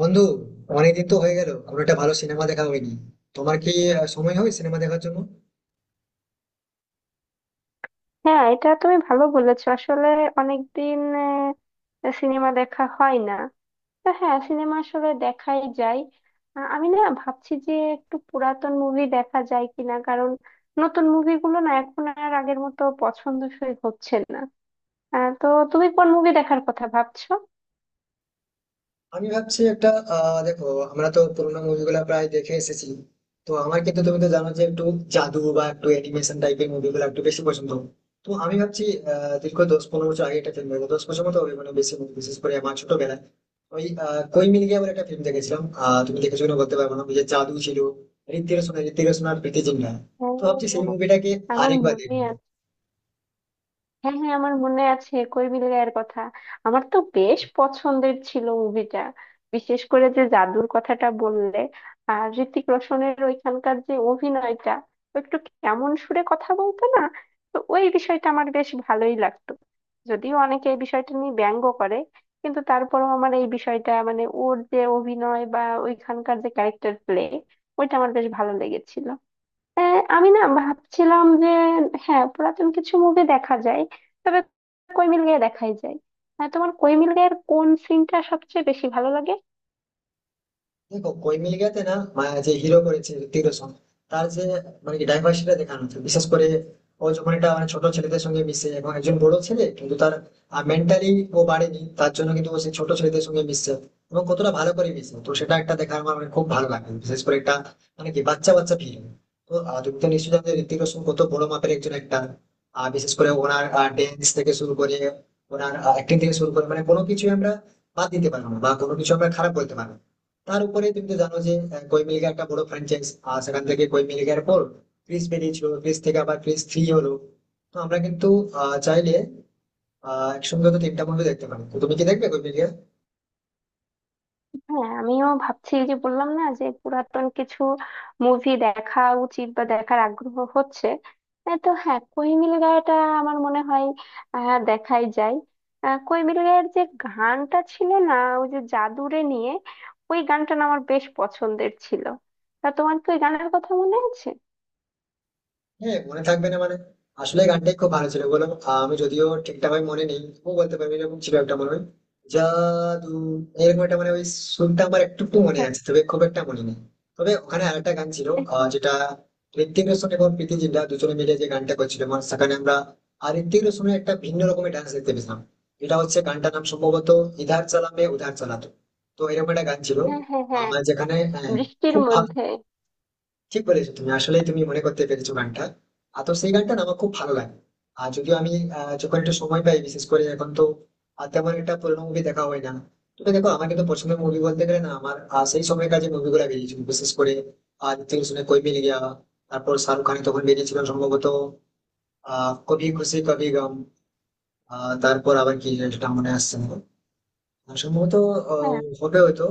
বন্ধু, অনেকদিন তো হয়ে গেল কোনো একটা ভালো সিনেমা দেখা হয়নি। তোমার কি সময় হয় সিনেমা দেখার জন্য? হ্যাঁ, এটা তুমি ভালো বলেছো। আসলে অনেকদিন সিনেমা দেখা হয় না। তো হ্যাঁ, সিনেমা আসলে দেখাই যায়। আমি না ভাবছি যে একটু পুরাতন মুভি দেখা যায় কিনা, কারণ নতুন মুভিগুলো না এখন আর আগের মতো পছন্দসই হচ্ছে না। তো তুমি কোন মুভি দেখার কথা ভাবছো? আমি ভাবছি একটা, দেখো, আমরা তো পুরোনো মুভিগুলো প্রায় দেখে এসেছি। তো আমার কিন্তু, তুমি তো জানো যে একটু জাদু বা একটু অ্যানিমেশন টাইপের মুভিগুলো একটু বেশি পছন্দ। তো আমি ভাবছি, দীর্ঘ 10-15 বছর আগে একটা ফিল্ম দেখো, 10 বছর মতো হবে মানে বেশি। বিশেষ করে আমার ছোটবেলায় ওই কই মিল গিয়া বলে একটা ফিল্ম দেখেছিলাম। তুমি দেখেছো কিনা বলতে পারবো না, ওই যে জাদু ছিল। ঋত্বিক রোশন আর প্রীতি জিন্টা। তো ভাবছি সেই ও, মুভিটাকে আমার আরেকবার মনে দেখবো। আছে। হ্যাঁ হ্যাঁ আমার মনে আছে কই মিল গায়ের কথা। আমার তো বেশ পছন্দের ছিল মুভিটা, বিশেষ করে যে জাদুর কথাটা বললে। আর হৃতিক রোশনের ওইখানকার যে অভিনয়টা, ও একটু কেমন সুরে কথা বলতো না, তো ওই বিষয়টা আমার বেশ ভালোই লাগতো। যদিও অনেকে এই বিষয়টা নিয়ে ব্যঙ্গ করে, কিন্তু তারপরেও আমার এই বিষয়টা, মানে ওর যে অভিনয় বা ওইখানকার যে ক্যারেক্টার প্লে, ওইটা আমার বেশ ভালো লেগেছিল। আমি না ভাবছিলাম যে হ্যাঁ, পুরাতন কিছু মুভি দেখা যায়। তবে কই মিল গয়া দেখাই যায়। তোমার কই মিল গয়ার কোন সিনটা সবচেয়ে বেশি ভালো লাগে? দেখো, কই মিল গয়াতে না, যে হিরো করেছে হৃতিক রোশন, তার যে মানে কি ডাইভার্সিটিটা দেখানো হচ্ছে, বিশেষ করে ও যখন একটা মানে ছোট ছেলেদের সঙ্গে মিশে এবং একজন বড় ছেলে কিন্তু তার মেন্টালি ও বাড়েনি, তার জন্য কিন্তু ও সেই ছোট ছেলেদের সঙ্গে মিশছে, এবং কতটা ভালো করে মিশে, তো সেটা একটা দেখার আমার মানে খুব ভালো লাগে, বিশেষ করে একটা মানে কি বাচ্চা বাচ্চা ফিল্ম। তো তুমি তো নিশ্চয়ই জানো যে হৃতিক রোশন কত বড় মাপের একজন একটা। আর বিশেষ করে ওনার ড্যান্স থেকে শুরু করে, ওনার অ্যাক্টিং থেকে শুরু করে, মানে কোনো কিছু আমরা বাদ দিতে পারবো না বা কোনো কিছু আমরা খারাপ বলতে পারবো না। তার উপরে তুমি তো জানো যে কই মিল গয়া একটা বড় ফ্র্যাঞ্চাইজ। আর সেখান থেকে কই মিল গয়ার পর ক্রিস বেরিয়েছিল, ক্রিস থেকে আবার ক্রিস 3 হলো। তো আমরা কিন্তু চাইলে একসঙ্গে তো তিনটা মুভি দেখতে পারি। তো তুমি কি দেখবে কই মিল গয়া? হ্যাঁ, আমিও ভাবছি, যে বললাম না, যে পুরাতন কিছু মুভি দেখা উচিত বা দেখার আগ্রহ হচ্ছে। তো হ্যাঁ, কই মিল গয়াটা আমার মনে হয় দেখাই যায়। কই মিল গয়ার যে গানটা ছিল না, ওই যে জাদুরে নিয়ে, ওই গানটা না আমার বেশ পছন্দের ছিল। তা তোমার কি ওই গানের কথা মনে আছে? হ্যাঁ, মনে থাকবে না মানে, আসলে গানটাই খুব ভালো ছিল বলো। আমি যদিও ঠিকঠাক ভাবে মনে নেই। ও বলতে পারবি এরকম ছিল একটা মনে হয়, জাদু এরকম একটা মানে ওই সুরটা আমার একটু একটু মনে আছে, তবে খুব একটা মনে নেই। তবে ওখানে আরেকটা গান ছিল, হ্যাঁ, যেটা ঋত্বিক রোশন এবং প্রীতি জিন্টা দুজনে মিলে যে গানটা করছিল, মানে সেখানে আমরা আর ঋত্বিক রোশনের একটা ভিন্ন রকমের ডান্স দেখতে পেয়েছিলাম। এটা হচ্ছে গানটার নাম সম্ভবত ইধার চালামে উধার চালাতো। তো এরকম একটা গান ছিল হ্যাঁ। হ্যাঁ। আমার, যেখানে হ্যাঁ, বৃষ্টির খুব ভালো। মধ্যে। ঠিক বলেছো তুমি, আসলেই তুমি মনে করতে পেরেছো গানটা। আর তো সেই গানটা না আমার খুব ভালো লাগে। আর যদিও আমি যখন একটু সময় পাই, বিশেষ করে এখন তো আর তেমন একটা পুরোনো মুভি দেখা হয় না। তবে দেখো আমার কিন্তু পছন্দের মুভি বলতে গেলে না, আমার সেই সময়কার যে মুভিগুলো বেরিয়েছিল, বিশেষ করে ঋত্বিক রোশনের কোই মিল গয়া। তারপর শাহরুখ খানের তখন বেরিয়েছিল সম্ভবত কবি খুশি কবি গম। তারপর আবার কি, সেটা মনে আসছে না। আর সম্ভবত হ্যাঁ। হবে হয়তো,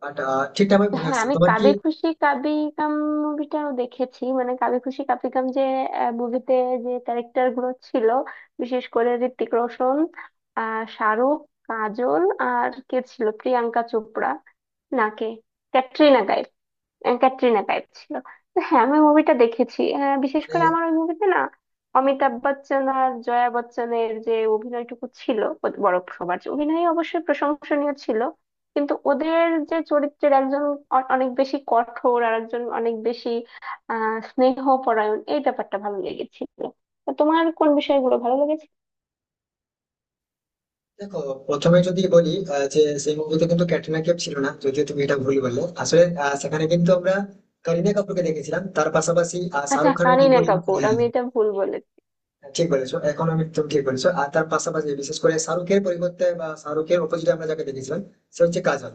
বাট ঠিকঠাক আমার মনে হ্যাঁ, আসছে না। আমি তোমার কি কাবি খুশি কাবি গাম মুভিটাও দেখেছি। মানে কাবি খুশি কাবি গাম যে মুভিতে যে ক্যারেক্টার গুলো ছিল, বিশেষ করে ঋত্বিক রোশন, শাহরুখ, কাজল, আর কে ছিল, প্রিয়াঙ্কা চোপড়া নাকে ক্যাটরিনা কাইফ, ক্যাটরিনা টাইপ ছিল। তো হ্যাঁ, আমি মুভিটা দেখেছি। হ্যাঁ, বিশেষ মানে? করে আমার ওই মুভিতে না অমিতাভ বচ্চন আর জয়া বচ্চনের যে অভিনয়টুকু ছিল, ওদের বড় সবার যে অভিনয় অবশ্যই প্রশংসনীয় ছিল, কিন্তু ওদের যে চরিত্রের একজন অনেক বেশি কঠোর আর একজন অনেক বেশি স্নেহপরায়ণ, এই ব্যাপারটা ভালো লেগেছিল। তো তোমার কোন বিষয়গুলো ভালো লেগেছে? দেখো, প্রথমে যদি বলি যে সেই মুভিতে কিন্তু ক্যাটরিনা কাইফ ছিল না, যদিও তুমি এটা ভুল বললে আসলে, সেখানে কিন্তু আমরা কারিনা কাপুরকে দেখেছিলাম, তার পাশাপাশি আচ্ছা, শাহরুখ খানের কারিনা বিপরীত। কাপুর, আমি এটা ভুল বলেছি। ঠিক বলেছো, এখন আমি তুমি ঠিক বলেছো। আর তার পাশাপাশি বিশেষ করে শাহরুখের পরিবর্তে বা শাহরুখের অপোজিটে আমরা যাকে দেখেছিলাম সে হচ্ছে কাজল।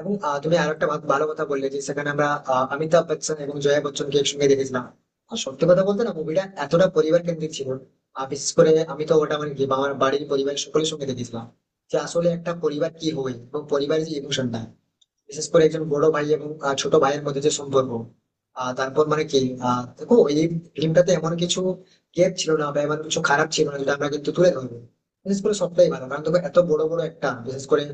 এবং তুমি আর একটা ভালো কথা বললে যে সেখানে আমরা অমিতাভ বচ্চন এবং জয়া বচ্চনকে একসঙ্গে দেখেছিলাম। আর সত্যি কথা বলতে না, মুভিটা এতটা পরিবার কেন্দ্রিক ছিল। আর বিশেষ করে আমি তো ওটা মানে কি আমার বাড়ির পরিবারের সকলের সঙ্গে দেখেছিলাম, যে আসলে একটা পরিবার কি হয় এবং পরিবারের যে ইমোশনটা, বিশেষ করে একজন বড় ভাই এবং ছোট ভাইয়ের মধ্যে যে সম্পর্ক। তারপর মানে কি, দেখো এই ফিল্মটাতে এমন কিছু গ্যাপ ছিল না বা এমন কিছু খারাপ ছিল না যেটা আমরা কিন্তু তুলে ধরবো। বিশেষ করে সবটাই ভালো, কারণ দেখো এত বড় বড় একটা, বিশেষ করে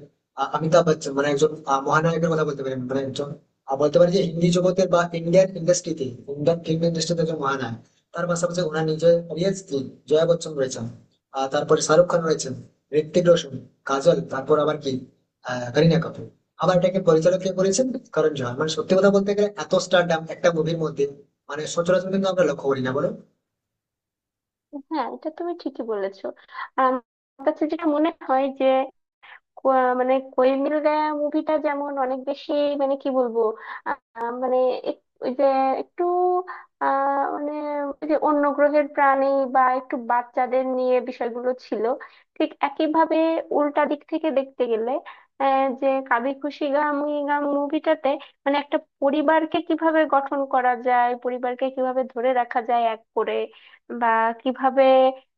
অমিতাভ বচ্চন মানে একজন, মহানায়কের কথা বলতে পারি, মানে একজন বলতে পারি যে হিন্দি জগতের বা ইন্ডিয়ান ইন্ডাস্ট্রিতে, ইন্ডিয়ান ফিল্ম ইন্ডাস্ট্রিতে একজন মহানায়ক। তার পাশাপাশি ওনার নিজের অডিয়েন্স কি, জয়া বচ্চন রয়েছেন, তারপরে শাহরুখ খান রয়েছেন, ঋত্বিক রোশন, কাজল, তারপর আবার কি, করিনা কাপুর। আবার এটাকে পরিচালক কে করেছেন, করণ জোহার। মানে সত্যি কথা বলতে গেলে এত স্টারডাম একটা মুভির মধ্যে, মানে সচরাচর কিন্তু আমরা লক্ষ্য করি না, বলো। হ্যাঁ, এটা তুমি ঠিকই বলেছো। আর আমার কাছে যেটা মনে হয় যে কো- মানে কোই মিল গায়া মুভিটা যেমন অনেক বেশি, মানে কি বলবো, মানে ওই যে একটু, মানে ওই যে অন্য গ্রহের প্রাণী বা একটু বাচ্চাদের নিয়ে বিষয়গুলো ছিল, ঠিক একইভাবে উল্টা দিক থেকে দেখতে গেলে যে কাবি খুশি গাম উই গাম মুভিটাতে মানে একটা পরিবারকে কিভাবে গঠন করা যায়, পরিবারকে কিভাবে ধরে রাখা যায় এক করে, বা কিভাবে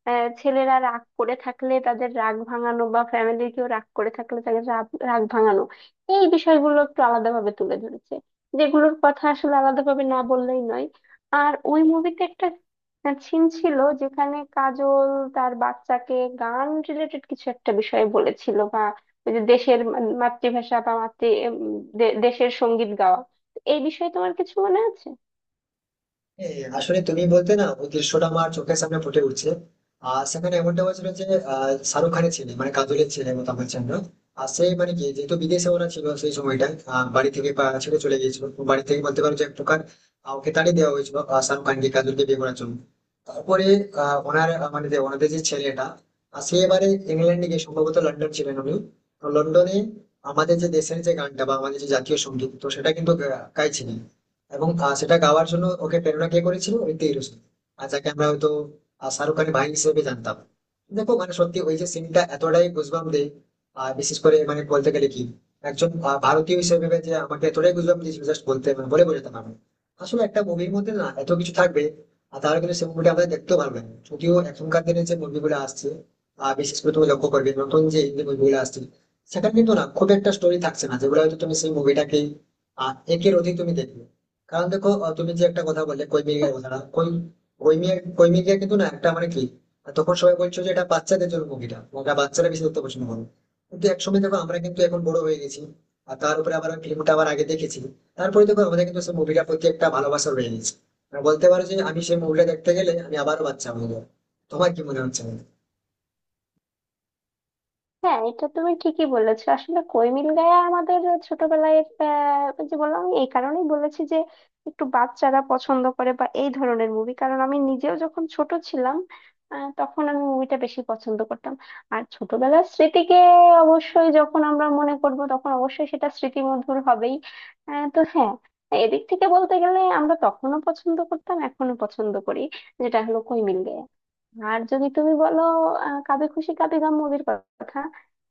ছেলেরা রাগ করে থাকলে তাদের রাগ ভাঙানো, বা ফ্যামিলির কেউ রাগ করে থাকলে তাদের রাগ রাগ ভাঙানো, এই বিষয়গুলো একটু আলাদাভাবে তুলে ধরেছে, যেগুলোর কথা আসলে আলাদাভাবে না বললেই নয়। আর ওই মুভিতে একটা সিন ছিল যেখানে কাজল তার বাচ্চাকে গান রিলেটেড কিছু একটা বিষয়ে বলেছিল, বা ওই যে দেশের মাতৃভাষা বা মাতৃ উম, দেশের সঙ্গীত গাওয়া, এই বিষয়ে তোমার কিছু মনে আছে? হ্যাঁ, আসলে তুমি বলতে না, ওই দৃশ্যটা আমার চোখের সামনে ফুটে উঠছে। আর সেখানে এমনটা হয়েছিল যে শাহরুখ খানের ছেলে মানে কাজলের ছেলে মতো আমার ছিল। আর সে মানে কি, যেহেতু বিদেশে ওরা ছিল সেই সময়টা, বাড়ি থেকে ছেড়ে চলে গিয়েছিল, তো বাড়ি থেকে বলতে পারো যে এক প্রকার ওকে তাড়িয়ে দেওয়া হয়েছিল, শাহরুখ খানকে কাজলকে বিয়ে করার জন্য। তারপরে ওনার মানে যে ওনাদের যে ছেলেটা, সে এবারে ইংল্যান্ডে গিয়ে সম্ভবত লন্ডন ছিলেন উনি। তো লন্ডনে আমাদের যে দেশের যে গানটা বা আমাদের যে জাতীয় সঙ্গীত, তো সেটা কিন্তু গাইছিলেন। এবং সেটা গাওয়ার জন্য ওকে প্রেরণা কে করেছিল, ঋত্বিক রোশন। আর যাকে আমরা হয়তো শাহরুখ খানের ভাই হিসেবে জানতাম। দেখো মানে সত্যি ওই যে সিনটা এতটাই গুজবাম দেয়। আর বিশেষ করে মানে বলতে গেলে কি, একজন ভারতীয় হিসেবে ভেবে যে আমাকে এতটাই গুজবাম দিয়েছিল, জাস্ট বলতে মানে বলে বোঝাতে পারবো না। আসলে একটা মুভির মধ্যে না এত কিছু থাকবে, আর তাহলে কিন্তু সেই মুভিটা আমরা দেখতেও পারবো না। যদিও এখনকার দিনে যে মুভিগুলো আসছে, বিশেষ করে তুমি লক্ষ্য করবে নতুন যে হিন্দি মুভিগুলো আসছে, সেখানে কিন্তু না খুব একটা স্টোরি থাকছে না, যেগুলো হয়তো তুমি সেই মুভিটাকে একের অধিক তুমি দেখবে। কারণ দেখো তুমি যে একটা কথা বললে কৈমিকের কথা, না কই, কৈমিয়া, কৈমিকা কিন্তু না একটা মানে কি, তখন সবাই বলছো যে এটা বাচ্চাদের জন্য মুভিটা, ওটা বাচ্চারা বেশি দেখতে পছন্দ করে। কিন্তু একসময় দেখো আমরা কিন্তু এখন বড় হয়ে গেছি, আর তার উপরে আবার ফিল্মটা আবার আগে দেখেছি, তারপরে দেখো আমাদের কিন্তু সেই মুভিটার প্রতি একটা ভালোবাসা রয়ে গেছে। মানে বলতে পারো যে আমি সেই মুভিটা দেখতে গেলে আমি আবারও বাচ্চা হয়ে যাবো। তোমার কি মনে হচ্ছে? হ্যাঁ, এটা তুমি ঠিকই বলেছো। আসলে কই গায়া আমাদের ছোটবেলায়, ওই যে বললাম, আমি এই কারণেই বলেছি যে একটু বাচ্চারা পছন্দ করে বা এই ধরনের মুভি, কারণ আমি নিজেও যখন ছোট ছিলাম, তখন আমি মুভিটা বেশি পছন্দ করতাম। আর ছোটবেলার স্মৃতিকে অবশ্যই যখন আমরা মনে করব, তখন অবশ্যই সেটা স্মৃতি মধুর হবেই। তো হ্যাঁ, এদিক থেকে বলতে গেলে আমরা তখনও পছন্দ করতাম, এখনো পছন্দ করি, যেটা হলো কই মিল। আর যদি তুমি বলো কাবি খুশি কাবি গাম মুভির কথা,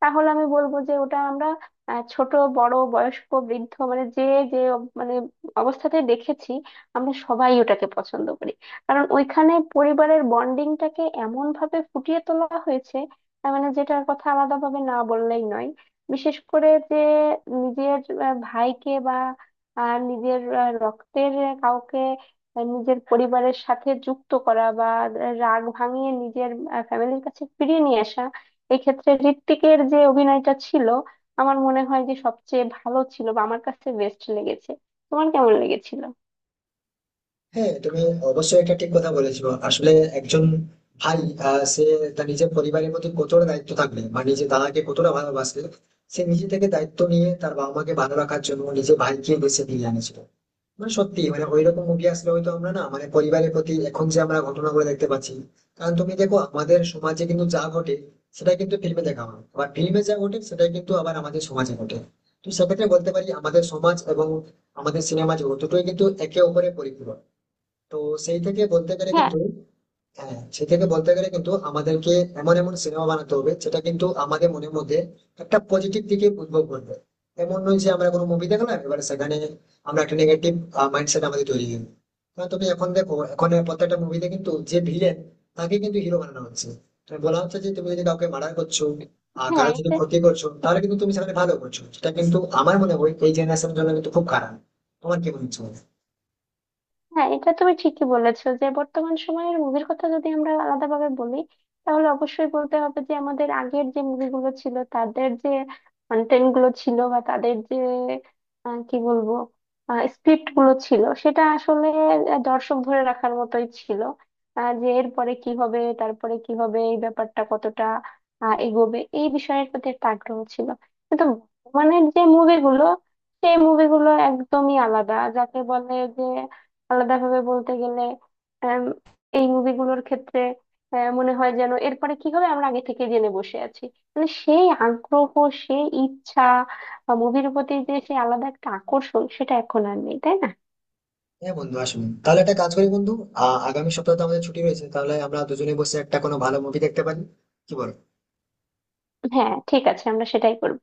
তাহলে আমি বলবো যে ওটা আমরা ছোট, বড়, বয়স্ক, বৃদ্ধ, মানে যে যে মানে অবস্থাতে দেখেছি, আমরা সবাই ওটাকে পছন্দ করি, কারণ ওইখানে পরিবারের বন্ডিংটাকে এমন ভাবে ফুটিয়ে তোলা হয়েছে, তার মানে যেটার কথা আলাদাভাবে না বললেই নয়। বিশেষ করে যে নিজের ভাইকে বা নিজের রক্তের কাউকে নিজের পরিবারের সাথে যুক্ত করা, বা রাগ ভাঙিয়ে নিজের ফ্যামিলির কাছে ফিরিয়ে নিয়ে আসা, এক্ষেত্রে হৃত্বিকের যে অভিনয়টা ছিল আমার মনে হয় যে সবচেয়ে ভালো ছিল, বা আমার কাছে বেস্ট লেগেছে। তোমার কেমন লেগেছিল? হ্যাঁ, তুমি অবশ্যই একটা ঠিক কথা বলেছো। আসলে একজন ভাই, সে তার নিজের পরিবারের প্রতি কতটা দায়িত্ব থাকবে বা নিজের দাদাকে কতটা ভালোবাসবে, সে নিজে থেকে দায়িত্ব নিয়ে তার বাবা মাকে ভালো রাখার জন্য নিজের ভাইকে দেশে ফিরিয়ে আনেছিল। মানে সত্যি মানে ওইরকম মুভি আসলে হয়তো আমরা না, মানে পরিবারের প্রতি এখন যে আমরা ঘটনাগুলো দেখতে পাচ্ছি। কারণ তুমি দেখো আমাদের সমাজে কিন্তু যা ঘটে সেটা কিন্তু ফিল্মে দেখা হয়, আবার ফিল্মে যা ঘটে সেটাই কিন্তু আবার আমাদের সমাজে ঘটে। তো সেক্ষেত্রে বলতে পারি আমাদের সমাজ এবং আমাদের সিনেমা জগৎ দুটোই কিন্তু একে অপরের পরিপূরক। তো সেই থেকে বলতে গেলে হ্যাঁ কিন্তু, হ্যাঁ সেই থেকে বলতে গেলে কিন্তু আমাদেরকে এমন এমন সিনেমা বানাতে হবে, যেটা কিন্তু আমাদের মনের মধ্যে একটা পজিটিভ দিকে উদ্ভব করবে। এমন নয় যে আমরা কোনো মুভি দেখলাম, এবার সেখানে আমরা একটা নেগেটিভ মাইন্ডসেট আমাদের তৈরি হয়ে গেলো। কারণ তুমি এখন দেখো, এখন প্রত্যেকটা মুভিতে কিন্তু যে ভিলেন, তাকে কিন্তু হিরো বানানো হচ্ছে। তুমি বলা হচ্ছে যে তুমি যদি কাউকে মার্ডার করছো আর হ্যাঁ কারো যদি এটা, ক্ষতি করছো, তাহলে কিন্তু তুমি সেখানে ভালো করছো। সেটা কিন্তু আমার মনে হয় এই জেনারেশনের জন্য কিন্তু খুব খারাপ। তোমার কি মনে হচ্ছে? হ্যাঁ, এটা তুমি ঠিকই বলেছো। যে বর্তমান সময়ের মুভির কথা যদি আমরা আলাদাভাবে বলি, তাহলে অবশ্যই বলতে হবে যে আমাদের আগের যে মুভিগুলো ছিল, তাদের যে কন্টেন্ট গুলো ছিল, বা তাদের যে কি বলবো, স্ক্রিপ্ট গুলো ছিল সেটা আসলে দর্শক ধরে রাখার মতোই ছিল। যে এরপরে কি হবে, তারপরে কি হবে, এই ব্যাপারটা কতটা এগোবে, এই বিষয়ের প্রতি একটা আগ্রহ ছিল। কিন্তু বর্তমানের যে মুভিগুলো, সেই মুভিগুলো একদমই আলাদা, যাকে বলে যে আলাদাভাবে বলতে গেলে আম, এই মুভিগুলোর ক্ষেত্রে মনে হয় যেন এরপরে কি হবে আমরা আগে থেকে জেনে বসে আছি। মানে সেই আগ্রহ, সেই ইচ্ছা, মুভির প্রতি যে সেই আলাদা একটা আকর্ষণ, সেটা এখন আর নেই, তাই না? হ্যাঁ বন্ধু, আসুন তাহলে একটা কাজ করি বন্ধু, আগামী সপ্তাহে তো আমাদের ছুটি রয়েছে, তাহলে আমরা দুজনে বসে একটা কোনো ভালো মুভি দেখতে পারি। কি বল? হ্যাঁ, ঠিক আছে, আমরা সেটাই করব।